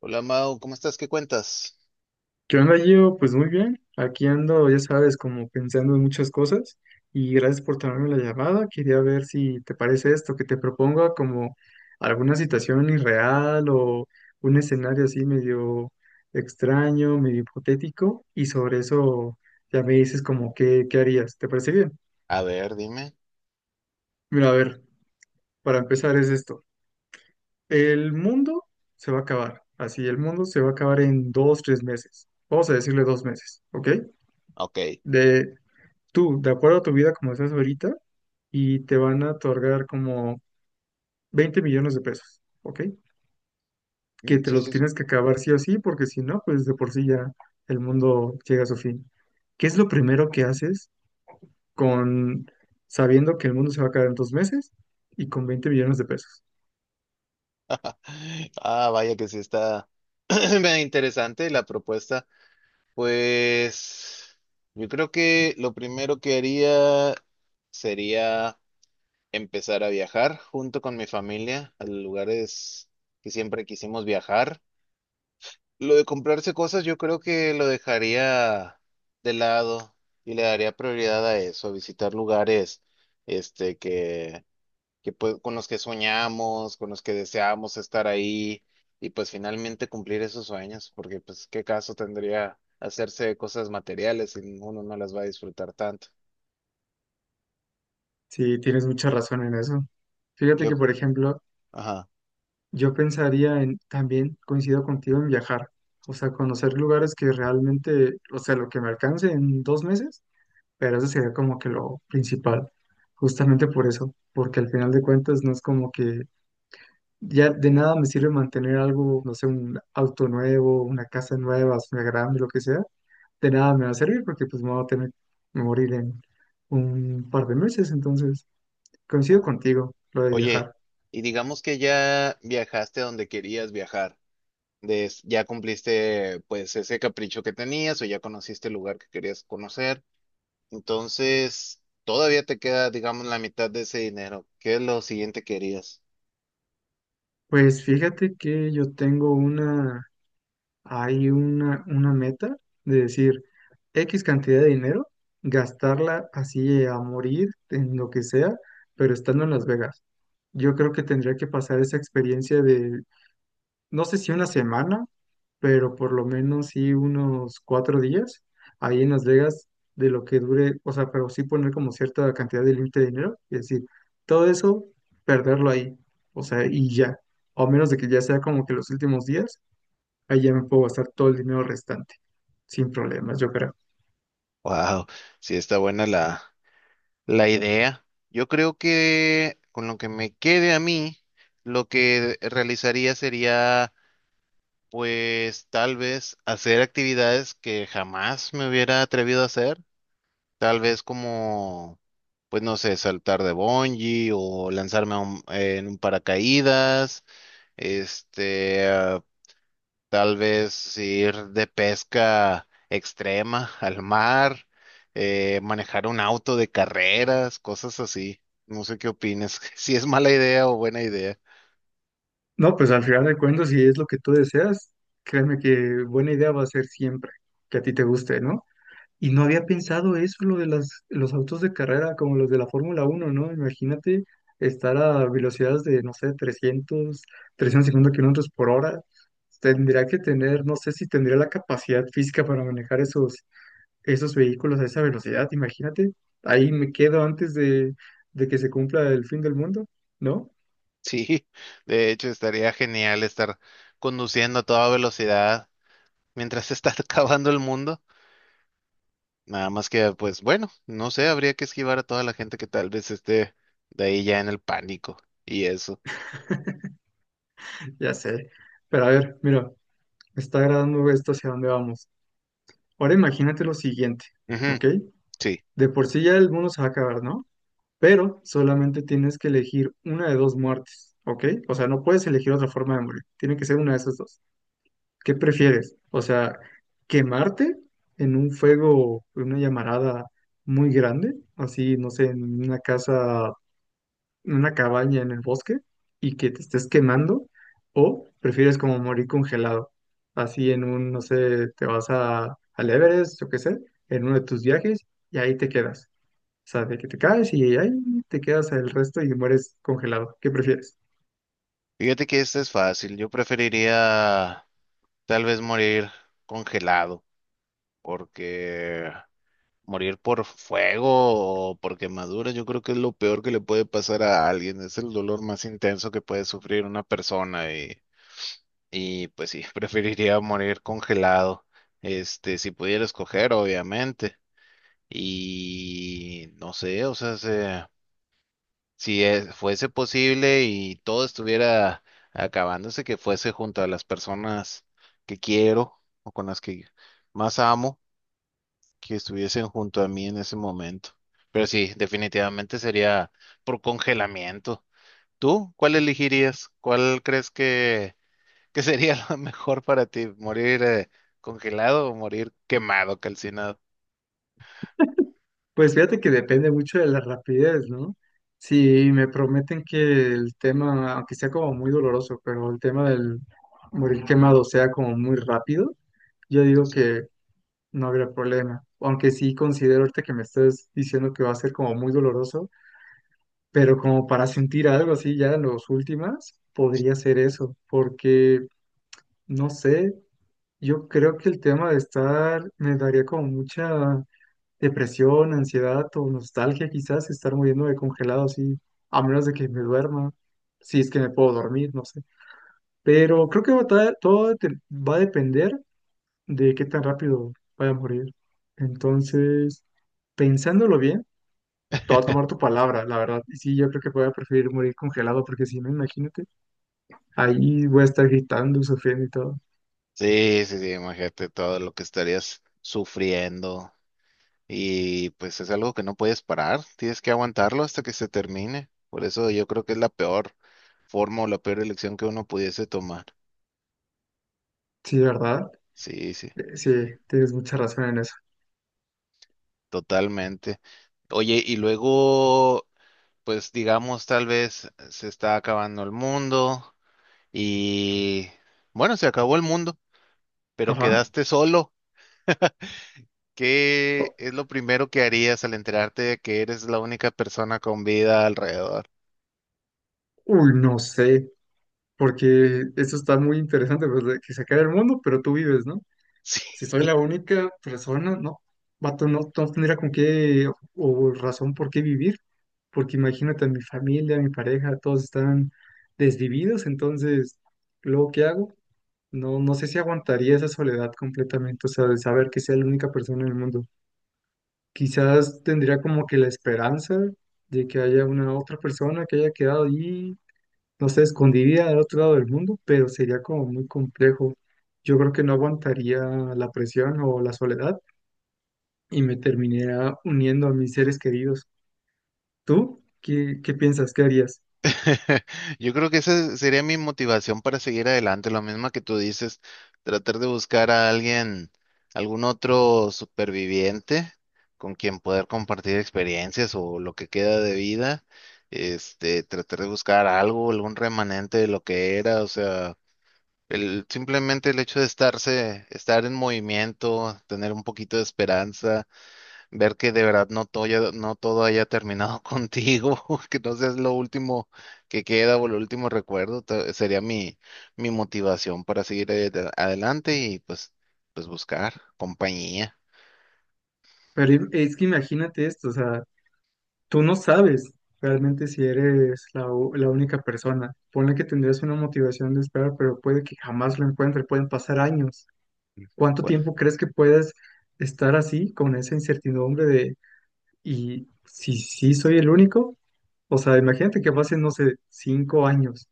Hola Mau, ¿cómo estás? ¿Qué cuentas? ¿Qué onda, Gio? Pues muy bien. Aquí ando, ya sabes, como pensando en muchas cosas. Y gracias por tomarme la llamada. Quería ver si te parece esto, que te proponga como alguna situación irreal o un escenario así medio extraño, medio hipotético. Y sobre eso ya me dices como qué harías. ¿Te parece bien? A ver, dime. Mira, a ver, para empezar es esto. El mundo se va a acabar. Así, el mundo se va a acabar en dos, tres meses. Vamos a decirle 2 meses, ¿ok? Ok. De, tú, de acuerdo a tu vida como estás ahorita, y te van a otorgar como 20 millones de pesos, ¿ok? Mm, Que te sí, los sí, sí. tienes que acabar sí o sí, porque si no, pues de por sí ya el mundo llega a su fin. ¿Qué es lo primero que haces con sabiendo que el mundo se va a acabar en 2 meses y con 20 millones de pesos? Ah, vaya que sí está medio interesante la propuesta. Pues yo creo que lo primero que haría sería empezar a viajar junto con mi familia a lugares que siempre quisimos viajar. Lo de comprarse cosas yo creo que lo dejaría de lado y le daría prioridad a eso, a visitar lugares este que con los que soñamos, con los que deseamos estar ahí y pues finalmente cumplir esos sueños, porque pues qué caso tendría hacerse de cosas materiales si uno no las va a disfrutar tanto. Sí, tienes mucha razón en eso. Fíjate ¿Qué que, op- por ejemplo, Ajá. yo pensaría en, también coincido contigo en viajar, o sea, conocer lugares que realmente, o sea, lo que me alcance en 2 meses. Pero eso sería como que lo principal, justamente por eso, porque al final de cuentas no es como que ya de nada me sirve mantener algo, no sé, un auto nuevo, una casa nueva, una grande, lo que sea, de nada me va a servir porque pues me voy a tener que morir en un par de meses, entonces coincido contigo, lo de Oye, viajar. y digamos que ya viajaste a donde querías viajar, ya cumpliste pues ese capricho que tenías o ya conociste el lugar que querías conocer, entonces todavía te queda, digamos, la mitad de ese dinero. ¿Qué es lo siguiente que harías? Pues fíjate que yo tengo una hay una meta de decir X cantidad de dinero, gastarla así a morir en lo que sea, pero estando en Las Vegas. Yo creo que tendría que pasar esa experiencia de, no sé si una semana, pero por lo menos sí unos 4 días ahí en Las Vegas de lo que dure, o sea, pero sí poner como cierta cantidad de límite de dinero, es decir, todo eso, perderlo ahí, o sea, y ya, o a menos de que ya sea como que los últimos días ahí ya me puedo gastar todo el dinero restante, sin problemas, yo creo. Wow, sí está buena la idea, yo creo que con lo que me quede a mí, lo que realizaría sería, pues tal vez hacer actividades que jamás me hubiera atrevido a hacer, tal vez como, pues no sé, saltar de bungee o lanzarme a en un paracaídas, este, tal vez ir de pesca extrema al mar, manejar un auto de carreras, cosas así. No sé qué opinas, si es mala idea o buena idea. No, pues al final de cuentas, si es lo que tú deseas, créeme que buena idea va a ser siempre que a ti te guste, ¿no? Y no había pensado eso, lo de las, los autos de carrera como los de la Fórmula 1, ¿no? Imagínate estar a velocidades de, no sé, 300, 350 kilómetros por hora. Tendría que tener, no sé si tendría la capacidad física para manejar esos vehículos a esa velocidad, imagínate, ahí me quedo antes de que se cumpla el fin del mundo, ¿no? Sí, de hecho estaría genial estar conduciendo a toda velocidad mientras se está acabando el mundo. Nada más que, pues bueno, no sé, habría que esquivar a toda la gente que tal vez esté de ahí ya en el pánico y eso. Ya sé, pero a ver, mira, me está agradando esto hacia dónde vamos. Ahora imagínate lo siguiente, Ujú, ¿ok? sí, De por sí ya el mundo se va a acabar, ¿no? Pero solamente tienes que elegir una de dos muertes, ¿ok? O sea, no puedes elegir otra forma de morir, tiene que ser una de esas dos. ¿Qué prefieres? O sea, quemarte en un fuego, en una llamarada muy grande, así, no sé, en una casa, en una cabaña en el bosque, y que te estés quemando, o prefieres como morir congelado, así en un, no sé, te vas a, al Everest, yo qué sé, en uno de tus viajes, y ahí te quedas. O sea, de que te caes y ahí te quedas el resto y mueres congelado. ¿Qué prefieres? fíjate que este es fácil. Yo preferiría tal vez morir congelado, porque morir por fuego o por quemadura, yo creo que es lo peor que le puede pasar a alguien. Es el dolor más intenso que puede sufrir una persona y pues sí, preferiría morir congelado. Este, si pudiera escoger, obviamente. Y no sé, o sea, se, si fuese posible y todo estuviera acabándose, que fuese junto a las personas que quiero o con las que más amo, que estuviesen junto a mí en ese momento. Pero sí, definitivamente sería por congelamiento. ¿Tú cuál elegirías? ¿Que sería lo mejor para ti? ¿Morir congelado o morir quemado, calcinado? Pues fíjate que depende mucho de la rapidez, ¿no? Si me prometen que el tema, aunque sea como muy doloroso, pero el tema del morir quemado sea como muy rápido, yo digo que no habrá problema. Aunque sí considero ahorita que me estás diciendo que va a ser como muy doloroso, pero como para sentir algo así ya en los últimas, podría ser eso, porque no sé, yo creo que el tema de estar me daría como mucha depresión, ansiedad o nostalgia quizás, estar muriendo de congelado así, a menos de que me duerma, si es que me puedo dormir, no sé. Pero creo que va a ta- todo te- va a depender de qué tan rápido vaya a morir. Entonces, pensándolo bien, te voy a tomar tu palabra, la verdad. Y sí, yo creo que voy a preferir morir congelado, porque si no, imagínate, ahí voy a estar gritando, sufriendo y todo. Sí, sí, sí, imagínate todo lo que estarías sufriendo. Y pues es algo que no puedes parar, tienes que aguantarlo hasta que se termine. Por eso yo creo que es la peor forma o la peor elección que uno pudiese tomar. Sí, ¿verdad? Sí, sí, Sí, tienes mucha razón en eso. totalmente. Oye, y luego, pues digamos, tal vez se está acabando el mundo y bueno, se acabó el mundo, pero Ajá. quedaste solo. ¿Qué O- es lo primero que harías al enterarte de que eres la única persona con vida alrededor? Uy, no sé. Porque eso está muy interesante, pues, de que se acabe el mundo, pero tú vives, ¿no? Si soy la única persona, no, vato, no, no tendría con qué o razón por qué vivir, porque imagínate, mi familia, mi pareja, todos están desvividos, entonces, ¿luego qué hago? No, no sé si aguantaría esa soledad completamente, o sea, de saber que sea la única persona en el mundo. Quizás tendría como que la esperanza de que haya una otra persona que haya quedado allí no sé, escondida al otro lado del mundo, pero sería como muy complejo. Yo creo que no aguantaría la presión o la soledad y me terminaría uniendo a mis seres queridos. ¿Tú qué piensas? ¿Qué harías? Yo creo que esa sería mi motivación para seguir adelante, lo mismo que tú dices, tratar de buscar a alguien, algún otro superviviente con quien poder compartir experiencias o lo que queda de vida, este, tratar de buscar algo, algún remanente de lo que era, o sea, simplemente el hecho de estar en movimiento, tener un poquito de esperanza, ver que de verdad no todo haya terminado contigo, que no seas lo último que queda o lo último recuerdo, sería mi motivación para seguir adelante pues buscar compañía. Pero es que imagínate esto, o sea, tú no sabes realmente si eres la única persona. Ponle que tendrías una motivación de esperar, pero puede que jamás lo encuentres, pueden pasar años. ¿Cuánto Pues, tiempo crees que puedas estar así con esa incertidumbre de... ¿Y si sí soy el único? O sea, imagínate que pasen, no sé, 5 años.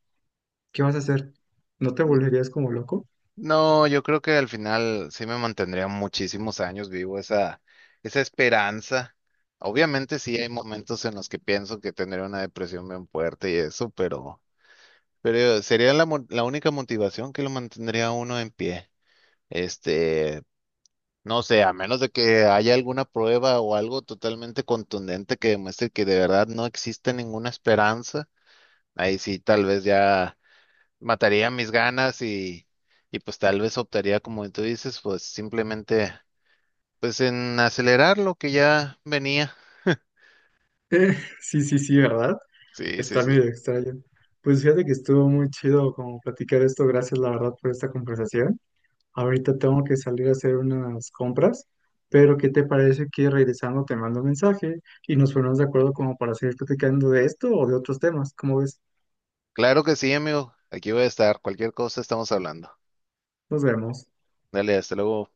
¿Qué vas a hacer? ¿No te n- volverías como loco? no, yo creo que al final sí me mantendría muchísimos años vivo esa esperanza. Obviamente sí hay momentos en los que pienso que tendré una depresión bien fuerte y eso, pero sería la única motivación que lo mantendría a uno en pie. Este, no sé, a menos de que haya alguna prueba o algo totalmente contundente que demuestre que de verdad no existe ninguna esperanza, ahí sí tal vez ya mataría mis ganas y pues tal vez optaría, como tú dices, pues simplemente pues en acelerar lo que ya venía. Eh, sí, sí, sí, ¿verdad? Sí, sí, Está sí. medio extraño. Pues fíjate que estuvo muy chido como platicar esto. Gracias, la verdad, por esta conversación. Ahorita tengo que salir a hacer unas compras, pero ¿qué te parece que regresando te mando un mensaje y nos ponemos de acuerdo como para seguir platicando de esto o de otros temas? ¿Cómo ves? Claro que sí, amigo. Aquí voy a estar. Cualquier cosa estamos hablando. Nos vemos. Dale, hasta luego.